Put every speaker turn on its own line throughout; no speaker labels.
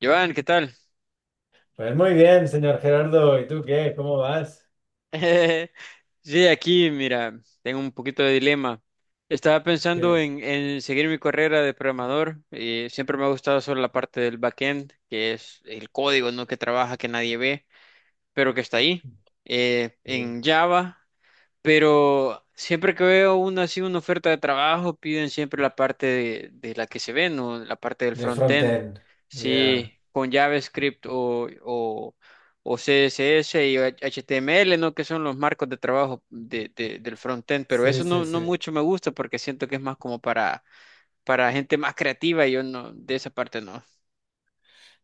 Joan, ¿qué tal?
Pues muy bien, señor Gerardo. ¿Y tú qué? ¿Cómo vas?
Sí, aquí, mira, tengo un poquito de dilema. Estaba pensando
¿Qué?
en seguir mi carrera de programador. Y siempre me ha gustado solo la parte del backend, que es el código, ¿no? Que trabaja, que nadie ve, pero que está ahí. Eh,
Y-
en Java. Pero siempre que veo una así, una oferta de trabajo, piden siempre la parte de la que se ve, ¿no? La parte del
De
frontend.
frontend. Ya.
Sí, con JavaScript o CSS y HTML, ¿no? Que son los marcos de trabajo del frontend. Pero
Sí,
eso no,
sí,
no
sí.
mucho me gusta porque siento que es más como para gente más creativa y yo no, de esa parte no.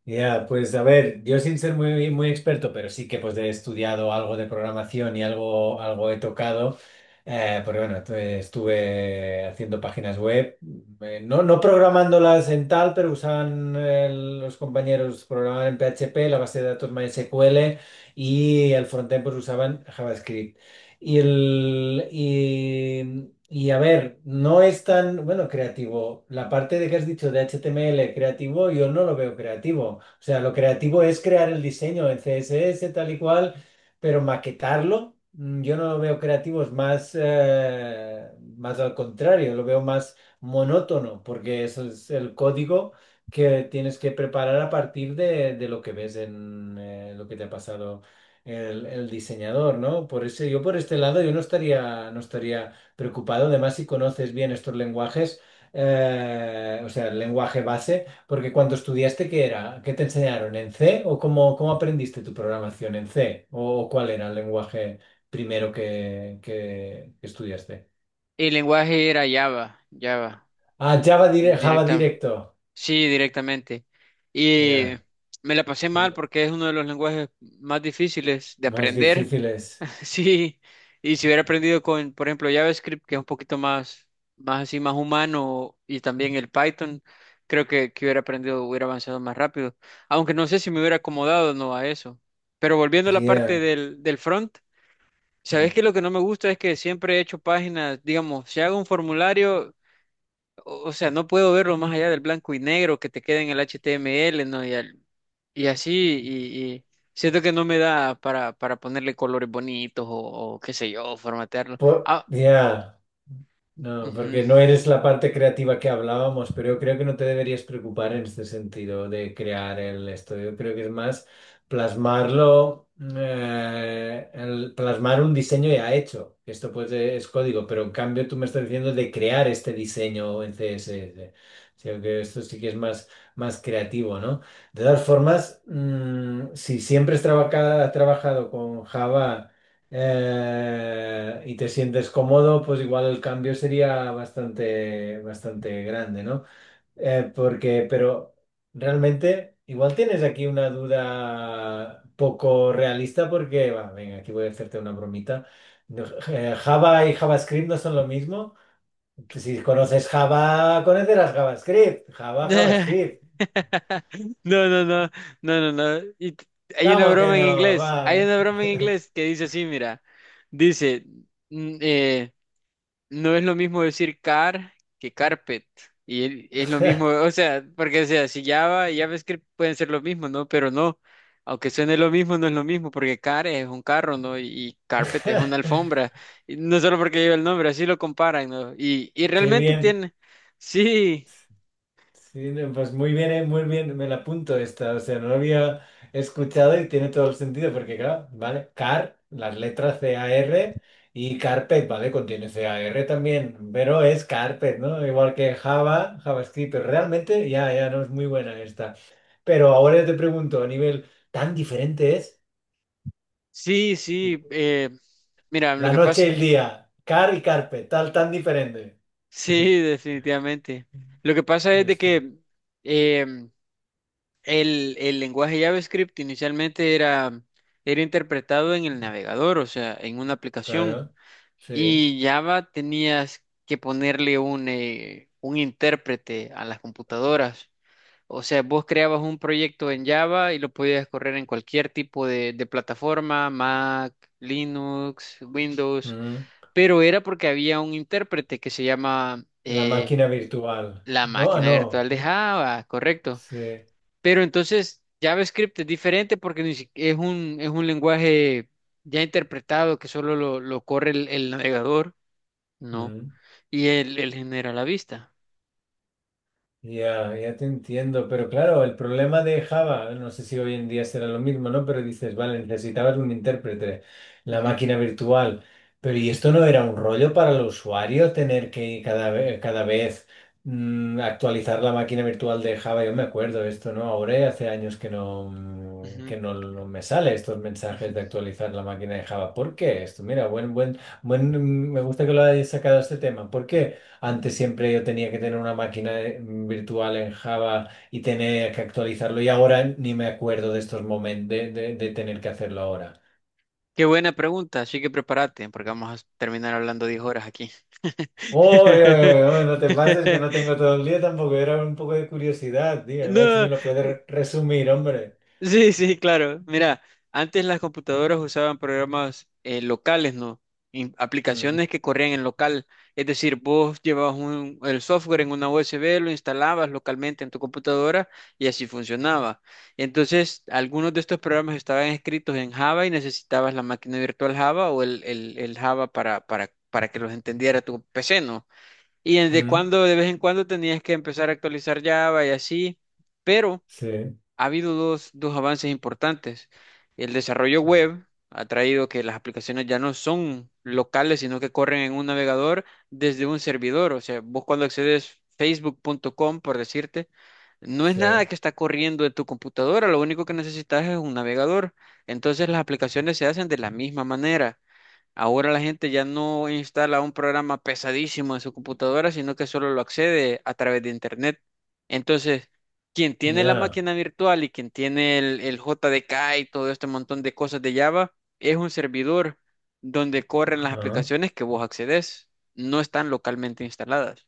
Ya, pues a ver, yo sin ser muy, muy experto, pero sí que pues he estudiado algo de programación y algo, algo he tocado. Porque bueno, estuve haciendo páginas web, no, no programándolas en tal, pero usaban los compañeros programaban en PHP, la base de datos MySQL y el frontend pues usaban JavaScript. Y a ver, no es tan, bueno, creativo. La parte de que has dicho de HTML creativo, yo no lo veo creativo. O sea, lo creativo es crear el diseño en CSS tal y cual, pero maquetarlo, yo no lo veo creativo, es más, más al contrario, lo veo más monótono, porque eso es el código que tienes que preparar a partir de lo que ves en lo que te ha pasado el diseñador, ¿no? Por ese, yo por este lado yo no estaría preocupado. Además, si conoces bien estos lenguajes, o sea, el lenguaje base, porque cuando estudiaste, ¿qué era? ¿Qué te enseñaron? ¿En C? ¿O cómo aprendiste tu programación en C? ¿O cuál era el lenguaje primero que estudiaste?
El lenguaje era Java,
Ah, Java, Java
directa.
directo.
Sí, directamente. Y
Ya.
me la pasé mal porque es uno de los lenguajes más difíciles de
Más
aprender.
difíciles.
Sí, y si hubiera aprendido con, por ejemplo, JavaScript, que es un poquito más así, más humano, y también el Python, creo que hubiera aprendido, hubiera avanzado más rápido. Aunque no sé si me hubiera acomodado o no a eso. Pero volviendo a la parte
Ya.
del front, ¿sabes? Que Lo que no me gusta es que siempre he hecho páginas, digamos, si hago un formulario. O sea, no puedo verlo más allá del blanco y negro que te queda en el HTML, ¿no? Y siento que no me da para ponerle colores bonitos o qué sé yo, formatearlo. Ah,
Ya, no,
ujú.
porque no eres la parte creativa que hablábamos, pero yo creo que no te deberías preocupar en este sentido de crear el estudio. Yo creo que es más plasmarlo, plasmar un diseño ya hecho. Esto pues es código, pero en cambio tú me estás diciendo de crear este diseño en CSS. O sea, que esto sí que es más, más creativo, ¿no? De todas formas, si siempre has trabajado con Java y te sientes cómodo, pues igual el cambio sería bastante, bastante grande, ¿no? Porque pero realmente, igual tienes aquí una duda poco realista porque, va, venga, aquí voy a hacerte una bromita. No, Java y JavaScript no son lo mismo. Pues si conoces Java, conocerás JavaScript. Java, JavaScript.
No, no, no, no, no. Hay una
¿Cómo que
broma en
no?
inglés, hay
Va.
una broma en inglés que dice así, mira, dice, mm, eh, no es lo mismo decir car que carpet. Es lo mismo, o sea, si Java y JavaScript pueden ser lo mismo, ¿no? Pero no, aunque suene lo mismo, no es lo mismo, porque car es un carro, ¿no? Y carpet es una alfombra. Y no solo porque lleva el nombre, así lo comparan, ¿no? Y
Qué
realmente
bien.
tiene, sí,
Sí, no, pues muy bien, me la apunto esta, o sea, no lo había escuchado y tiene todo el sentido, porque claro, ¿vale? Car, las letras car y carpet, ¿vale? Contiene car también, pero es carpet, ¿no? Igual que Java, JavaScript, pero realmente ya, ya no es muy buena esta. Pero ahora yo te pregunto, a nivel tan diferente es
sí. Mira, lo
la
que
noche y
pasa,
el día, car y carpet, tal, tan diferente.
sí, definitivamente. Lo que pasa es de
Este,
que... em, el lenguaje JavaScript inicialmente era interpretado en el navegador, o sea, en una aplicación.
claro, sí.
Y Java tenías que ponerle un intérprete a las computadoras. O sea, vos creabas un proyecto en Java y lo podías correr en cualquier tipo de plataforma, Mac, Linux, Windows,
Mm.
pero era porque había un intérprete que se llama
La máquina virtual.
la
No, ah,
máquina
no.
virtual de
¿No?
Java, correcto.
Sí.
Pero entonces JavaScript es diferente porque ni si- es un lenguaje ya interpretado que solo lo corre el navegador, ¿no?
Mm.
Y él genera la vista.
Ya, ya te entiendo, pero claro, el problema de Java, no sé si hoy en día será lo mismo, ¿no? Pero dices, vale, necesitabas un intérprete, la
Ujú,
máquina virtual, pero ¿y esto no era un rollo para el usuario tener que cada vez actualizar la máquina virtual de Java? Yo me acuerdo esto, ¿no? Ahora ya hace años que no,
ujú,
no me sale estos mensajes de
ujú.
actualizar la máquina de Java. ¿Por qué esto? Mira, me gusta que lo hayas sacado este tema. ¿Por qué? Antes siempre yo tenía que tener una máquina virtual en Java y tenía que actualizarlo y ahora ni me acuerdo de estos momentos de tener que hacerlo ahora.
Qué buena pregunta, así que prepárate porque vamos a terminar hablando 10 horas aquí.
Oye, oye, oye, no te pases que no tengo todo el día tampoco, era un poco de curiosidad, tío, a ver si
No,
me lo puedes resumir, hombre.
Sí, sí, claro. Mira, antes las computadoras usaban programas locales, ¿no?
Mm,
Aplicaciones que corrían en local. Es decir, vos llevabas el software en una USB, lo instalabas localmente en tu computadora y así funcionaba. Entonces, algunos de estos programas estaban escritos en Java y necesitabas la máquina virtual Java o el Java para que los entendiera tu PC, ¿no? Y desde
mm,
cuando, de vez en cuando tenías que empezar a actualizar Java y así, pero
sí,
ha habido dos avances importantes. El desarrollo web ha traído que las aplicaciones ya no son locales, sino que corren en un navegador desde un servidor. O sea, vos cuando accedes facebook.com, por decirte, no es
sí,
nada que está corriendo en tu computadora, lo único que necesitas es un navegador. Entonces las aplicaciones se hacen de la misma manera. Ahora la gente ya no instala un programa pesadísimo en su computadora, sino que solo lo accede a través de Internet. Entonces, quien tiene la
ya.
máquina virtual y quien tiene el JDK y todo este montón de cosas de Java, es un servidor donde corren las
Ah.
aplicaciones que vos accedes. No están localmente instaladas.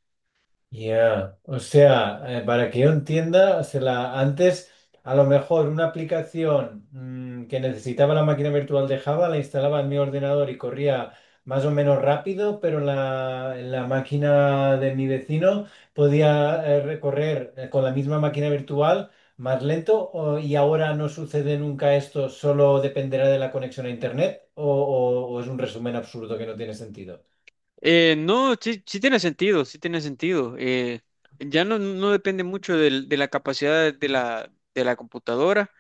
Ya, o sea, para que yo entienda, antes a lo mejor una aplicación que necesitaba la máquina virtual de Java la instalaba en mi ordenador y corría más o menos rápido, pero en la máquina de mi vecino podía recorrer con la misma máquina virtual más lento y ahora no sucede nunca esto, solo dependerá de la conexión a Internet o es un resumen absurdo que no tiene sentido.
No, sí, sí tiene sentido, sí tiene sentido. Ya no, no depende mucho de la capacidad de la computadora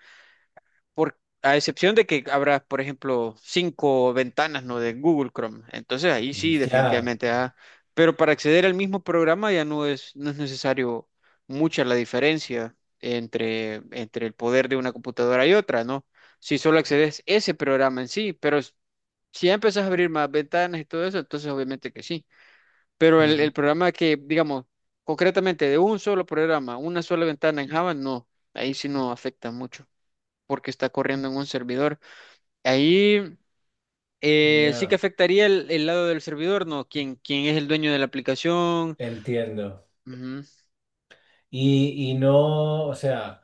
por, a excepción de que habrá, por ejemplo, cinco ventanas, ¿no? De Google Chrome. Entonces ahí sí,
Ya,
definitivamente. Ah, pero para acceder al mismo programa ya no es necesario mucha la diferencia entre el poder de una computadora y otra, ¿no? Si solo accedes ese programa en sí, pero si ya empezás a abrir más ventanas y todo eso, entonces obviamente que sí. Pero el
mm,
programa que, digamos, concretamente de un solo programa, una sola ventana en Java, no, ahí sí no afecta mucho porque está corriendo en un servidor. Ahí sí que
ya.
afectaría el lado del servidor, ¿no? ¿Quién es el dueño de la aplicación?
Entiendo.
Ujú.
Y no, o sea,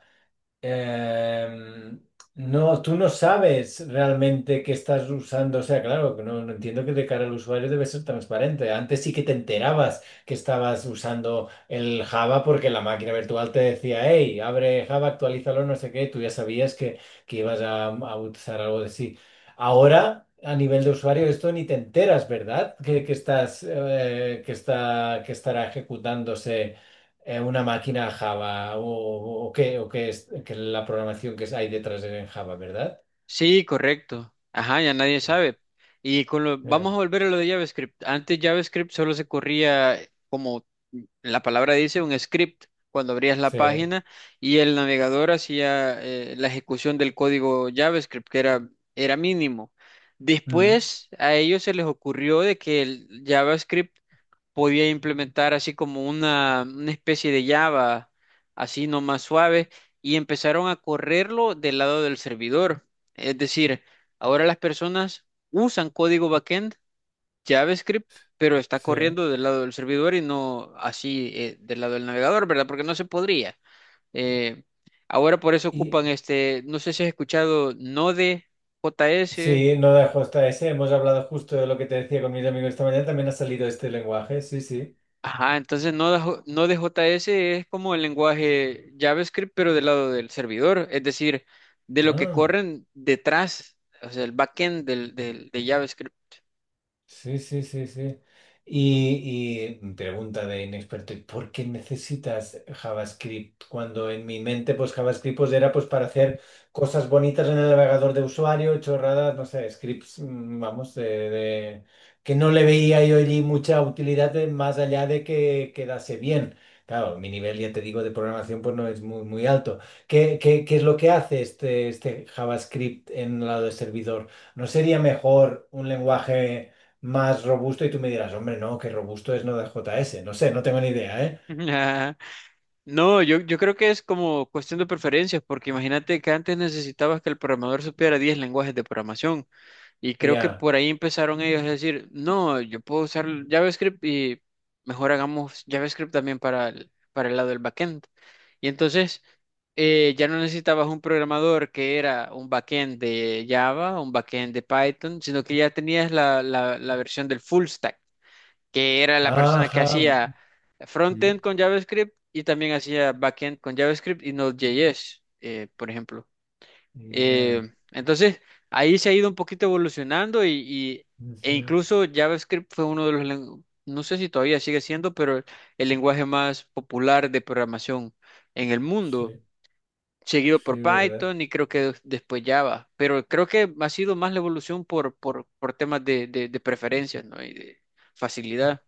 em, no, tú no sabes realmente qué estás usando. O sea, claro, que no, no entiendo que de cara al usuario debe ser transparente. Antes sí que te enterabas que estabas usando el Java porque la máquina virtual te decía, hey, abre Java, actualízalo, no sé qué. Tú ya sabías que ibas a usar algo de sí. Ahora, a nivel de usuario, esto ni te enteras, ¿verdad? Que estás, que está, que estará ejecutándose una máquina Java o qué es la programación que hay detrás de en Java, ¿verdad?
Sí, correcto. Ajá, ya nadie sabe. Y con lo,
Ya,
vamos a volver a lo de JavaScript. Antes JavaScript solo se corría, como la palabra dice, un script cuando abrías la
sí,
página y el navegador hacía la ejecución del código JavaScript, que era mínimo.
mm,
Después a ellos se les ocurrió de que el JavaScript podía implementar así como una especie de Java, así nomás suave, y empezaron a correrlo del lado del servidor. Es decir, ahora las personas usan código backend, JavaScript, pero está
sí.
corriendo del lado del servidor y no así del lado del navegador, ¿verdad? Porque no se podría. Eh, Ahora por eso
Y
ocupan este, no sé si has escuchado Node.js.
sí, no de hasta ese. Hemos hablado justo de lo que te decía con mis amigos esta mañana. También ha salido este lenguaje. Sí, sí.
Ajá, entonces no de, J- no Node.js, Node.js es como el lenguaje JavaScript, pero del lado del servidor, es decir, de lo que
Ah.
corren detrás, o sea, el backend de JavaScript.
Sí, sí, sí, sí. Y pregunta de inexperto, ¿y por qué necesitas JavaScript? Cuando en mi mente, pues JavaScript pues, era pues para hacer cosas bonitas en el navegador de usuario, chorradas, no sé, scripts, vamos, de- que no le veía yo allí mucha utilidad más allá de que quedase bien. Claro, mi nivel, ya te digo, de programación pues no es muy, muy alto. ¿Qué es lo que hace este JavaScript en el lado del servidor? ¿No sería mejor un lenguaje más robusto y tú me dirás, hombre, no, que robusto es no de JS? No sé, no tengo ni idea, ¿eh?
Ajá. No, yo creo que es como cuestión de preferencias, porque imagínate que antes necesitabas que el programador supiera 10 lenguajes de programación. Y creo que
Ya.
por ahí empezaron ellos a decir, no, yo puedo usar JavaScript y mejor hagamos JavaScript también para el lado del backend. Y entonces ya no necesitabas un programador que era un backend de Java, un backend de Python, sino que ya tenías la versión del full stack, que era la persona que
Ajá.
hacía
Mm,
frontend con JavaScript y también hacía backend con JavaScript y Node.js, por ejemplo. Eh,
ya.
entonces, ahí se ha ido un poquito evolucionando e
Ujú.
incluso JavaScript fue uno de los no sé si todavía sigue siendo, pero el lenguaje más popular de programación en el mundo,
Sí,
seguido por
sí, ¿verdad?
Python y creo que después Java, pero creo que ha sido más la evolución por, por temas de preferencias, ¿no? Y de facilidad.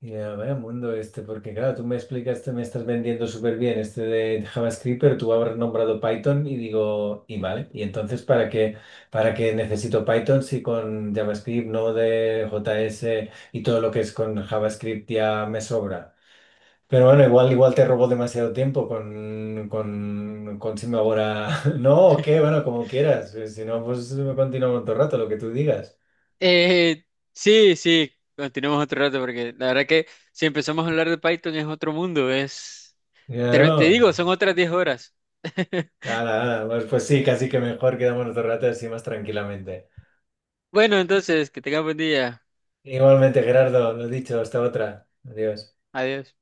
Ya, vaya mundo este, porque claro, tú me explicas, te me estás vendiendo súper bien este de JavaScript, pero tú habrás nombrado Python y digo, y vale, y entonces ¿para qué, necesito Python si con JavaScript, Node, JS y todo lo que es con JavaScript ya me sobra? Pero bueno, igual te robó demasiado tiempo con, Simba ahora. No, o qué, bueno, como quieras. Si no, pues continuamos otro rato, lo que tú digas.
Eh, sí, sí, continuemos otro rato porque la verdad que si empezamos a hablar de Python es otro mundo, es...
Ya
Te,
no.
te digo, son otras 10 horas.
Nada, nada. Pues sí, casi que mejor quedamos otro rato así más tranquilamente.
Bueno, entonces, que tengas buen día.
Igualmente, Gerardo, lo dicho, hasta otra. Adiós.
Adiós.